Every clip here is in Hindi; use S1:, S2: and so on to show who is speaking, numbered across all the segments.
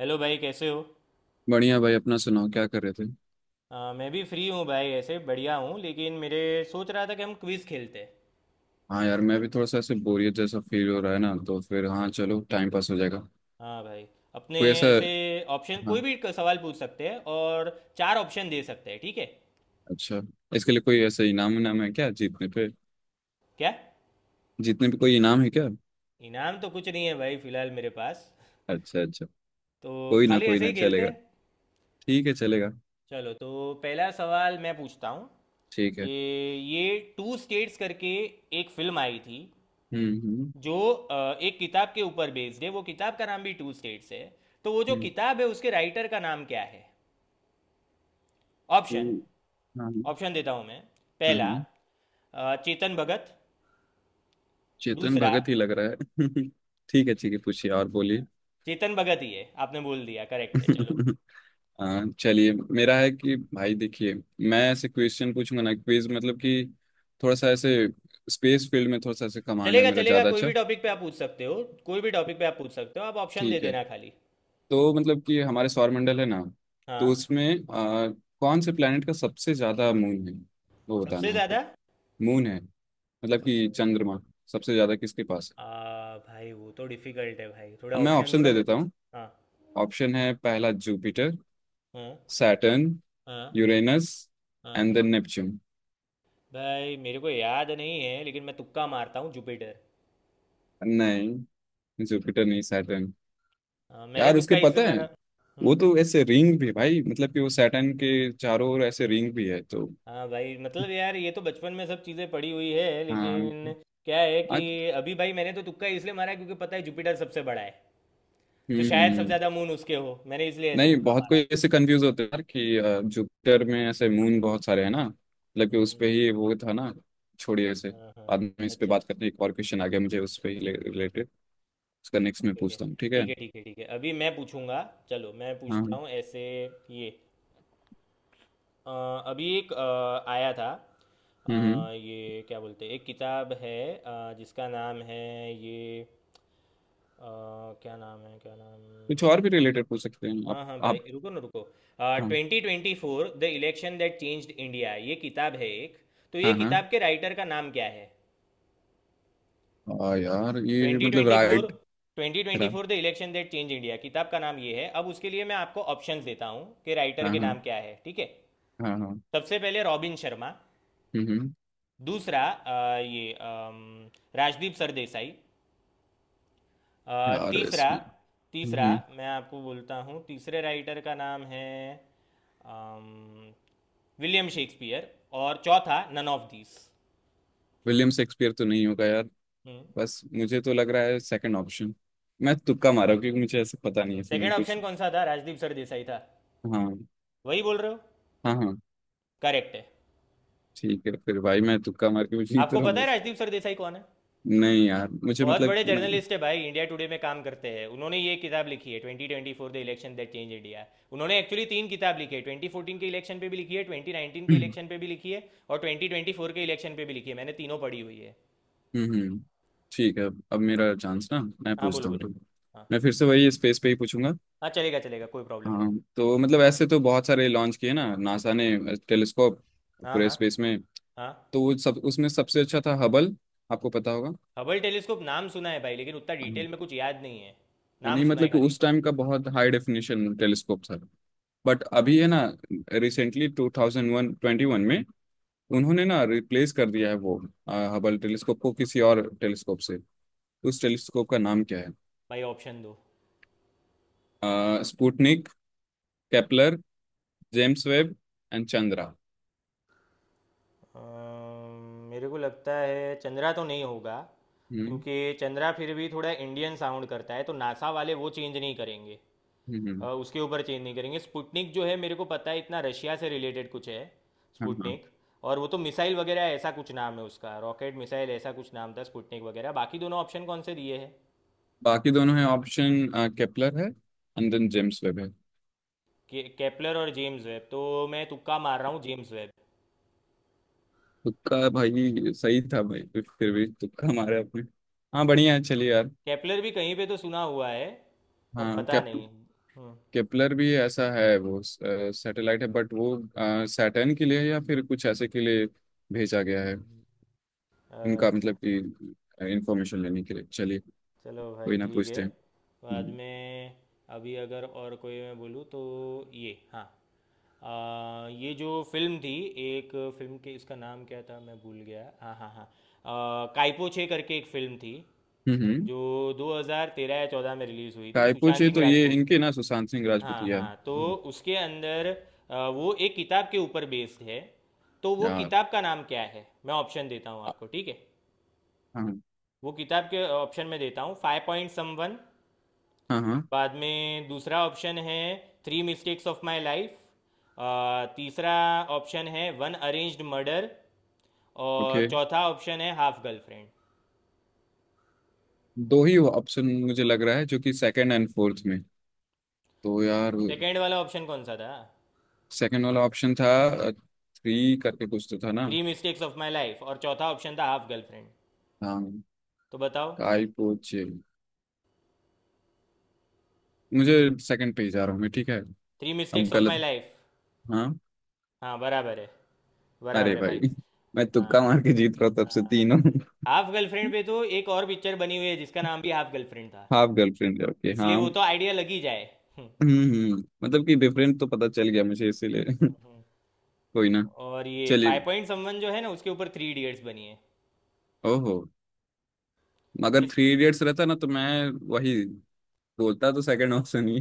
S1: हेलो भाई, कैसे हो।
S2: बढ़िया भाई। अपना सुनाओ क्या कर रहे थे।
S1: मैं भी फ्री हूँ भाई, ऐसे बढ़िया हूँ, लेकिन मेरे सोच रहा था कि हम क्विज़ खेलते हैं।
S2: हाँ यार, मैं भी थोड़ा सा ऐसे बोरियत जैसा फील हो रहा है ना, तो फिर हाँ चलो टाइम पास हो जाएगा।
S1: हाँ भाई। अपने
S2: कोई ऐसा।
S1: ऐसे ऑप्शन, कोई
S2: हाँ।
S1: भी सवाल पूछ सकते हैं और चार ऑप्शन दे सकते हैं, ठीक है।
S2: अच्छा। इसके लिए कोई ऐसा इनाम इनाम है क्या जीतने पे?
S1: क्या।
S2: जीतने पे कोई इनाम है क्या?
S1: इनाम तो कुछ नहीं है भाई, फिलहाल मेरे पास,
S2: अच्छा अच्छा।
S1: तो
S2: कोई ना,
S1: खाली
S2: कोई
S1: ऐसे
S2: ना
S1: ही खेलते
S2: चलेगा।
S1: हैं।
S2: ठीक है चलेगा।
S1: चलो तो पहला सवाल मैं पूछता हूँ
S2: ठीक
S1: कि
S2: है।
S1: ये टू स्टेट्स करके एक फिल्म आई थी,
S2: हम्म, हम्म,
S1: जो एक किताब के ऊपर बेस्ड है। वो किताब का नाम भी टू स्टेट्स है, तो वो जो
S2: हम्म।
S1: किताब है उसके राइटर का नाम क्या है। ऑप्शन,
S2: तो- हाँ हाँ,
S1: ऑप्शन देता हूँ मैं।
S2: हाँ,
S1: पहला,
S2: हाँ।
S1: चेतन भगत।
S2: चेतन
S1: दूसरा,
S2: भगत ही लग रहा है। ठीक है ठीक है, पूछिए और बोलिए।
S1: चेतन भगत ही है, आपने बोल दिया, करेक्ट है, चलो।
S2: हाँ चलिए। मेरा है कि भाई देखिए, मैं ऐसे क्वेश्चन पूछूंगा ना क्विज मतलब कि थोड़ा सा ऐसे स्पेस फील्ड में थोड़ा सा ऐसे कमांड है
S1: चलेगा
S2: मेरा
S1: चलेगा,
S2: ज़्यादा
S1: कोई भी
S2: अच्छा।
S1: टॉपिक पे आप पूछ सकते हो। कोई भी टॉपिक पे आप पूछ सकते हो, आप ऑप्शन दे
S2: ठीक है।
S1: देना खाली।
S2: तो मतलब कि हमारे सौरमंडल है ना, तो
S1: हाँ।
S2: उसमें कौन से प्लेनेट का सबसे ज़्यादा मून है, वो बताना
S1: सबसे
S2: है आपको।
S1: ज़्यादा
S2: मून है। मतलब
S1: सबसे।
S2: कि चंद्रमा सबसे ज़्यादा किसके पास है।
S1: भाई वो तो डिफिकल्ट है भाई, थोड़ा
S2: अब मैं
S1: ऑप्शन दो
S2: ऑप्शन
S1: ना
S2: दे
S1: मेरे
S2: देता
S1: को।
S2: हूँ।
S1: हाँ,
S2: ऑप्शन है, पहला जुपिटर,
S1: हाँ,
S2: सैटर्न,
S1: हाँ,
S2: यूरेनस
S1: हाँ।
S2: And then Neptune.
S1: भाई मेरे को याद नहीं है, लेकिन मैं तुक्का मारता हूँ जुपिटर।
S2: नहीं। जुपिटर नहीं, सैटर्न।
S1: हाँ, मैंने
S2: यार
S1: तुक्का
S2: उसके
S1: इससे
S2: पता है,
S1: मारा।
S2: वो
S1: हम्म।
S2: तो ऐसे रिंग भी है भाई, मतलब कि वो सैटर्न के चारों ओर ऐसे रिंग भी है तो।
S1: हाँ भाई, मतलब यार ये तो बचपन में सब चीज़ें पड़ी हुई है,
S2: हाँ।
S1: लेकिन क्या है कि
S2: आ-
S1: अभी भाई मैंने तो तुक्का इसलिए मारा है क्योंकि पता है जुपिटर सबसे बड़ा है, तो
S2: हम्म
S1: शायद सबसे
S2: हम्म।
S1: ज़्यादा मून उसके हो, मैंने इसलिए ऐसे
S2: नहीं,
S1: तुक्का
S2: बहुत
S1: मारा।
S2: कोई ऐसे कंफ्यूज होते हैं यार कि
S1: हम्म।
S2: जुपिटर में ऐसे मून बहुत सारे हैं ना, मतलब कि उस
S1: हम्म।
S2: पे ही वो था ना। छोड़िए ऐसे।
S1: हाँ, हाँ।
S2: बाद में इस पे
S1: अच्छा।
S2: बात करते हैं, एक और क्वेश्चन आ गया मुझे उस पे
S1: हम्म।
S2: ही रिलेटेड। उसका
S1: ओके,
S2: नेक्स्ट मैं
S1: ओके।
S2: पूछता हूँ, ठीक है?
S1: ठीक है, ठीक है, ठीक है, अभी मैं पूछूंगा। चलो मैं
S2: हाँ। हम्म।
S1: पूछता हूँ ऐसे ये। अ, अभी एक आया था।
S2: हम्म।
S1: अ, ये क्या बोलते हैं, एक किताब है जिसका नाम है ये। अ, क्या नाम है, क्या नाम।
S2: कुछ और भी रिलेटेड पूछ सकते हैं आप।
S1: हाँ हाँ भाई,
S2: आप।
S1: रुको ना रुको।
S2: हाँ।
S1: 2024 the election that changed India, ये किताब है एक, तो ये
S2: हाँ हाँ।
S1: किताब के राइटर का नाम क्या है।
S2: हाँ यार ये
S1: ट्वेंटी
S2: मतलब
S1: twenty four
S2: right.
S1: Twenty twenty
S2: रा,
S1: four the election that change India किताब का नाम ये है। अब उसके लिए मैं आपको ऑप्शंस देता हूँ कि राइटर
S2: हाँ
S1: के
S2: हाँ।
S1: नाम क्या है, ठीक है।
S2: हाँ हाँ।
S1: सबसे पहले, रॉबिन शर्मा।
S2: हम्म हम्म।
S1: दूसरा, ये राजदीप सरदेसाई।
S2: यार
S1: तीसरा
S2: इसमें।
S1: तीसरा
S2: हम्म।
S1: मैं आपको बोलता हूँ, तीसरे राइटर का नाम है अम, विलियम शेक्सपियर। और चौथा, none of these.
S2: William Shakespeare तो नहीं होगा यार। बस मुझे तो लग रहा है सेकंड ऑप्शन। मैं तुक्का मारा हूं, क्योंकि मुझे ऐसे पता नहीं है
S1: सेकेंड
S2: इसमें कुछ।
S1: ऑप्शन कौन सा था, राजदीप सरदेसाई था।
S2: हाँ।
S1: वही बोल रहे हो।
S2: हाँ हाँ।
S1: करेक्ट है।
S2: ठीक है फिर भाई, मैं तुक्का मार के भी जीत
S1: आपको
S2: रहा
S1: पता
S2: हूँ।
S1: है राजदीप सरदेसाई कौन है।
S2: नहीं यार मुझे
S1: बहुत
S2: मतलब
S1: बड़े
S2: मैं।
S1: जर्नलिस्ट है भाई, इंडिया टुडे में काम करते हैं। उन्होंने ये किताब लिखी है, 2024 the election that change India. उन्होंने एक्चुअली तीन किताब लिखी है। 2014 के इलेक्शन पे भी लिखी है, 2019 के
S2: हम्म
S1: इलेक्शन पे भी लिखी है और 2024 के इलेक्शन पे भी लिखी है। मैंने तीनों पढ़ी हुई है।
S2: हम्म। ठीक है। अब मेरा चांस ना, मैं
S1: हाँ, बोलो
S2: पूछता हूँ
S1: बोलो।
S2: तुम।
S1: हाँ
S2: मैं फिर से वही स्पेस पे ही पूछूंगा।
S1: हाँ, चलेगा चलेगा, कोई प्रॉब्लम नहीं।
S2: हाँ। तो मतलब ऐसे तो बहुत सारे लॉन्च किए ना नासा ने टेलीस्कोप
S1: हाँ,
S2: पूरे
S1: हाँ,
S2: स्पेस में।
S1: हाँ।
S2: तो वो सब उसमें सबसे अच्छा था हबल। आपको पता होगा।
S1: हबल टेलीस्कोप नाम सुना है भाई, लेकिन उतना डिटेल में कुछ याद नहीं है,
S2: हाँ,
S1: नाम
S2: नहीं
S1: सुना है
S2: मतलब कि
S1: खाली।
S2: उस टाइम का बहुत हाई डेफिनेशन टेलीस्कोप था। बट
S1: हाँ
S2: अभी है ना, रिसेंटली 2021 में उन्होंने ना रिप्लेस कर दिया है वो हबल टेलीस्कोप को किसी और टेलीस्कोप से। उस टेलीस्कोप का नाम क्या
S1: भाई, ऑप्शन दो।
S2: है? Sputnik, Kepler, James Webb and Chandra.
S1: मेरे को लगता है चंद्रा तो नहीं होगा,
S2: हम्म,
S1: क्योंकि चंद्रा फिर भी थोड़ा इंडियन साउंड करता है, तो नासा वाले वो चेंज नहीं करेंगे।
S2: हम्म, हम्म।
S1: उसके ऊपर चेंज नहीं करेंगे। स्पुटनिक जो है, मेरे को पता है इतना, रशिया से रिलेटेड कुछ है
S2: हाँ हाँ।
S1: स्पुटनिक, और वो तो मिसाइल वगैरह ऐसा कुछ नाम है उसका, रॉकेट मिसाइल ऐसा कुछ नाम था स्पुटनिक वगैरह। बाकी दोनों ऑप्शन कौन से दिए हैं।
S2: बाकी दोनों हैं ऑप्शन, केपलर है एंड देन जेम्स वेब है।
S1: केपलर और जेम्स वेब तो मैं तुक्का मार रहा हूँ, जेम्स वेब।
S2: तुक्का भाई सही था, भाई फिर भी तुक्का मारे आपने। हाँ बढ़िया
S1: हाँ।
S2: है चलिए यार।
S1: केपलर भी कहीं पे तो सुना हुआ है, पर
S2: हाँ।
S1: पता नहीं। हम्म,
S2: केपलर भी ऐसा है, वो सैटेलाइट है बट वो सैटर्न के लिए या फिर कुछ ऐसे के लिए भेजा गया है।
S1: हम्म,
S2: उनका मतलब
S1: अच्छा।
S2: कि इंफॉर्मेशन लेने के लिए। चलिए।
S1: चलो भाई,
S2: कोई ना,
S1: ठीक है।
S2: पूछते हैं।
S1: बाद
S2: हम्म
S1: में। अभी अगर और कोई मैं बोलूँ तो ये। हाँ। ये जो फिल्म थी, एक फिल्म के इसका नाम क्या था, मैं भूल गया। हाँ हाँ हाँ, काइपो छे करके एक फिल्म थी,
S2: हम्म।
S1: जो 2013 या 14 में रिलीज़ हुई थी, सुशांत
S2: कायपोचे
S1: सिंह
S2: तो ये
S1: राजपूत।
S2: इनके ना सुशांत सिंह राजपूत
S1: हाँ
S2: यार।
S1: हाँ, तो
S2: हम्म।
S1: उसके अंदर, वो एक किताब के ऊपर बेस्ड है, तो वो
S2: यार।
S1: किताब का नाम क्या है, मैं ऑप्शन देता हूँ
S2: हाँ
S1: आपको, ठीक है। वो किताब के ऑप्शन में देता हूँ, फाइव पॉइंट सम वन।
S2: हाँ हाँ।
S1: बाद में दूसरा ऑप्शन है, three mistakes of my life. तीसरा ऑप्शन है वन अरेंज्ड मर्डर। और
S2: ओके।
S1: चौथा ऑप्शन है हाफ गर्लफ्रेंड।
S2: दो ही ऑप्शन मुझे लग रहा है, जो कि सेकंड एंड फोर्थ में। तो यार
S1: सेकेंड वाला ऑप्शन कौन सा था।
S2: सेकंड वाला ऑप्शन था थ्री करके कुछ तो था ना।
S1: Three mistakes of my life, और चौथा ऑप्शन था हाफ गर्लफ्रेंड,
S2: हाँ।
S1: तो बताओ।
S2: कायपोचे। मुझे। सेकंड पे ही जा रहा हूँ मैं, ठीक है।
S1: थ्री
S2: अब
S1: मिस्टेक्स ऑफ माई
S2: गलत।
S1: लाइफ।
S2: हाँ।
S1: हाँ, बराबर है,
S2: अरे
S1: बराबर है भाई।
S2: भाई, मैं तुक्का
S1: हाँ
S2: मार के जीत रहा था तब से
S1: हाँ
S2: तीनों।
S1: भाई। हाफ गर्लफ्रेंड पे तो एक और पिक्चर बनी हुई है, जिसका नाम भी हाफ गर्लफ्रेंड था,
S2: हाफ गर्लफ्रेंड है। ओके। हाँ।
S1: इसलिए वो तो आइडिया लग ही जाए।
S2: हम्म। मतलब कि बेफ्रेंड तो पता चल गया मुझे इसीलिए। कोई ना।
S1: और ये
S2: चलिए।
S1: फाइव पॉइंट समवन जो है ना, उसके ऊपर थ्री इडियट्स बनी है।
S2: ओहो। मगर
S1: ये,
S2: थ्री इडियट्स रहता ना तो मैं वही बोलता तो सेकंड ऑप्शन ही।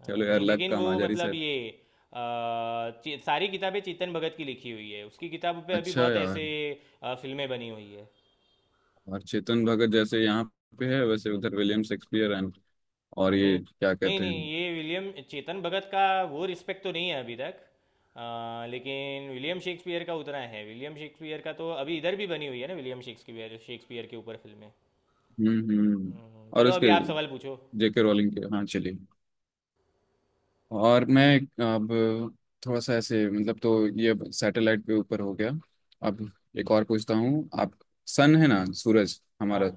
S1: हाँ,
S2: चलो यार,
S1: नहीं
S2: लक
S1: लेकिन
S2: का
S1: वो
S2: माजरी
S1: मतलब
S2: सर।
S1: ये, अ, सारी किताबें चेतन भगत की लिखी हुई है, उसकी किताबों पे अभी
S2: अच्छा
S1: बहुत
S2: यार।
S1: ऐसे फिल्में बनी हुई है।
S2: और चेतन भगत जैसे यहाँ पे है, वैसे उधर विलियम शेक्सपियर एंड और
S1: हाँ,
S2: ये
S1: नहीं
S2: क्या
S1: नहीं
S2: कहते हैं।
S1: नहीं, ये विलियम, चेतन भगत का वो रिस्पेक्ट तो नहीं है अभी तक। लेकिन विलियम शेक्सपियर का उतना है, विलियम शेक्सपियर का तो अभी इधर भी बनी हुई है ना, विलियम शेक्सपियर शेक्सपियर के ऊपर फिल्में।
S2: हम्म। और
S1: चलो अभी
S2: उसके
S1: आप सवाल पूछो।
S2: JK रोलिंग के। हाँ चलिए। और मैं अब थोड़ा सा ऐसे मतलब, तो ये सैटेलाइट के ऊपर हो गया। अब एक और पूछता हूँ आप। सन है ना सूरज
S1: हाँ,
S2: हमारा।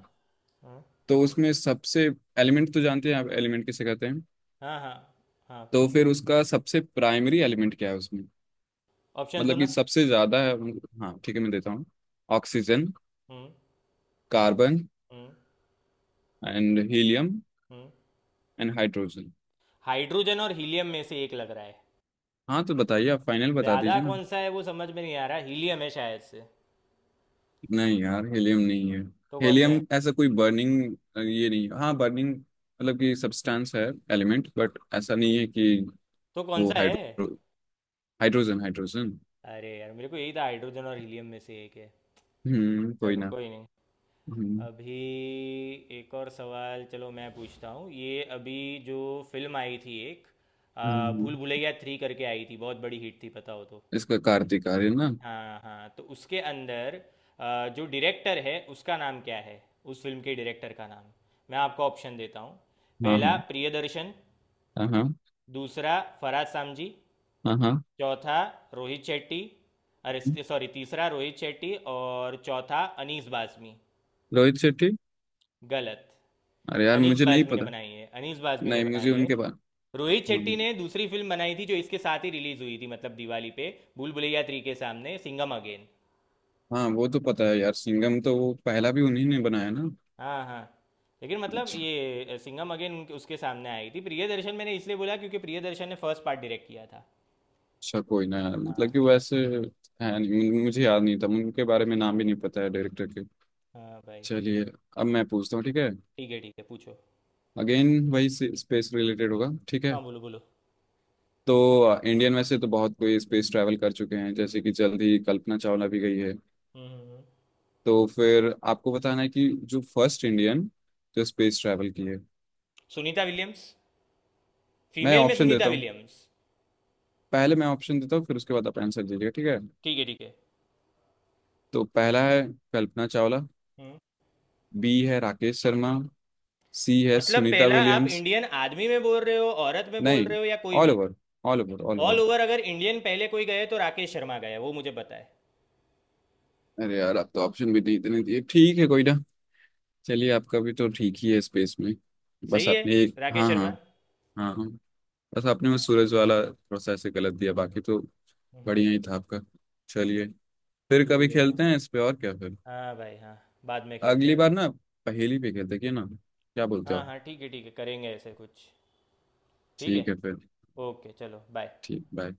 S1: हाँ,
S2: तो उसमें सबसे एलिमेंट तो जानते हैं आप, एलिमेंट किसे कहते हैं।
S1: हाँ, हाँ, हाँ।
S2: तो फिर उसका सबसे प्राइमरी एलिमेंट क्या है उसमें,
S1: ऑप्शन तो
S2: मतलब कि
S1: ना।
S2: सबसे ज़्यादा है। हाँ ठीक है मैं देता हूँ। ऑक्सीजन,
S1: हम्म,
S2: कार्बन
S1: हम्म,
S2: एंड हीलियम
S1: हम्म।
S2: And hydrogen.
S1: हाइड्रोजन और हीलियम में से एक लग रहा है।
S2: हाँ तो बताइए आप फाइनल बता
S1: ज्यादा
S2: दीजिए ना।
S1: कौन सा है वो समझ में नहीं आ रहा, हीलियम है शायद से।
S2: नहीं यार हीलियम नहीं है।
S1: तो कौन सा
S2: हीलियम
S1: है।
S2: ऐसा कोई बर्निंग ये नहीं है, हाँ बर्निंग मतलब कि सब्सटेंस है एलिमेंट, बट ऐसा नहीं है कि।
S1: तो कौन
S2: वो
S1: सा है।
S2: Hydrogen hydrogen.
S1: अरे यार मेरे को यही था, हाइड्रोजन और हीलियम में से एक है।
S2: हम्म, कोई
S1: चलो
S2: ना।
S1: कोई नहीं।
S2: हम्म
S1: अभी एक और सवाल, चलो मैं पूछता हूँ ये अभी। जो फिल्म आई थी एक,
S2: हम्म।
S1: भूल भुलैया थ्री करके आई थी, बहुत बड़ी हिट थी, पता हो तो।
S2: इसका कार्तिक आर्य ना।
S1: हाँ हाँ, तो उसके अंदर जो डायरेक्टर है उसका नाम क्या है, उस फिल्म के डायरेक्टर का नाम, मैं आपको ऑप्शन देता हूँ।
S2: हाँ
S1: पहला,
S2: हाँ।
S1: प्रियदर्शन।
S2: हाँ हाँ।
S1: दूसरा, फरहाद सामजी।
S2: हाँ हाँ।
S1: चौथा, रोहित शेट्टी। अरे सॉरी, तीसरा रोहित शेट्टी और चौथा अनीस बाज़मी।
S2: रोहित शेट्टी।
S1: गलत।
S2: अरे यार
S1: अनीस
S2: मुझे नहीं
S1: बाज़मी ने
S2: पता।
S1: बनाई है, अनीस बाज़मी ने
S2: नहीं मुझे
S1: बनाई है।
S2: उनके बारे।
S1: रोहित
S2: हाँ।
S1: शेट्टी ने दूसरी फिल्म बनाई थी, जो इसके साथ ही रिलीज हुई थी, मतलब दिवाली पे, भूल भुलैया 3 के सामने, सिंघम अगेन।
S2: हाँ वो तो पता है यार, सिंघम तो वो पहला भी उन्हीं ने बनाया ना।
S1: हाँ हाँ, लेकिन मतलब
S2: अच्छा।
S1: ये सिंघम अगेन उसके सामने आई थी। प्रियदर्शन मैंने इसलिए बोला क्योंकि प्रियदर्शन ने फर्स्ट पार्ट डायरेक्ट किया था।
S2: अच्छा कोई ना यार, मतलब
S1: हाँ
S2: कि वैसे है नहीं मुझे याद नहीं था उनके बारे में, नाम भी नहीं पता है डायरेक्टर के।
S1: हाँ भाई।
S2: चलिए। अब मैं पूछता हूँ, ठीक है।
S1: ठीक है, ठीक है, पूछो।
S2: अगेन वही स्पेस रिलेटेड होगा, ठीक है।
S1: हाँ, बोलो बोलो।
S2: तो इंडियन में से तो बहुत कोई स्पेस ट्रैवल कर चुके हैं, जैसे कि जल्द ही कल्पना चावला भी गई है।
S1: हम्म,
S2: तो फिर आपको बताना है कि जो फर्स्ट इंडियन जो स्पेस ट्रैवल की है।
S1: सुनीता विलियम्स,
S2: मैं
S1: फीमेल में
S2: ऑप्शन
S1: सुनीता
S2: देता हूँ,
S1: विलियम्स।
S2: पहले मैं ऑप्शन देता हूँ फिर उसके बाद आप आंसर दीजिएगा, ठीक है।
S1: ठीक है, ठीक है।
S2: तो पहला है कल्पना चावला,
S1: हम्म।
S2: बी है राकेश शर्मा, सी है
S1: मतलब
S2: सुनीता
S1: पहला आप
S2: विलियम्स।
S1: इंडियन आदमी में बोल रहे हो, औरत में बोल
S2: नहीं।
S1: रहे हो, या कोई
S2: ऑल
S1: भी।
S2: Over. All over all
S1: all
S2: over.
S1: Over अगर इंडियन पहले कोई गए तो राकेश शर्मा गए, वो मुझे पता है।
S2: अरे यार, आप तो ऑप्शन भी नहीं इतने दिए, ठीक है कोई ना। चलिए आपका भी तो ठीक ही है स्पेस में। बस
S1: सही है,
S2: आपने एक,
S1: राकेश
S2: हाँ हाँ।
S1: शर्मा।
S2: हाँ हाँ। बस आपने वो
S1: हाँ,
S2: सूरज वाला थोड़ा सा ऐसे गलत दिया
S1: हम्म,
S2: बाकी तो
S1: हम्म, हम्म,
S2: बढ़िया
S1: हम्म।
S2: ही था आपका। चलिए। फिर कभी
S1: ठीक है चलो।
S2: खेलते हैं इस पे और क्या फिर।
S1: हाँ भाई, हाँ। बाद में खेलते
S2: अगली
S1: हैं
S2: बार
S1: अभी।
S2: ना पहेली पे खेलते हैं, क्या ना। क्या बोलते हो
S1: हाँ
S2: आप?
S1: हाँ, ठीक है, ठीक है, करेंगे ऐसे कुछ। ठीक है।
S2: ठीक है फिर।
S1: ओके, चलो, बाय।
S2: ठीक, बाय।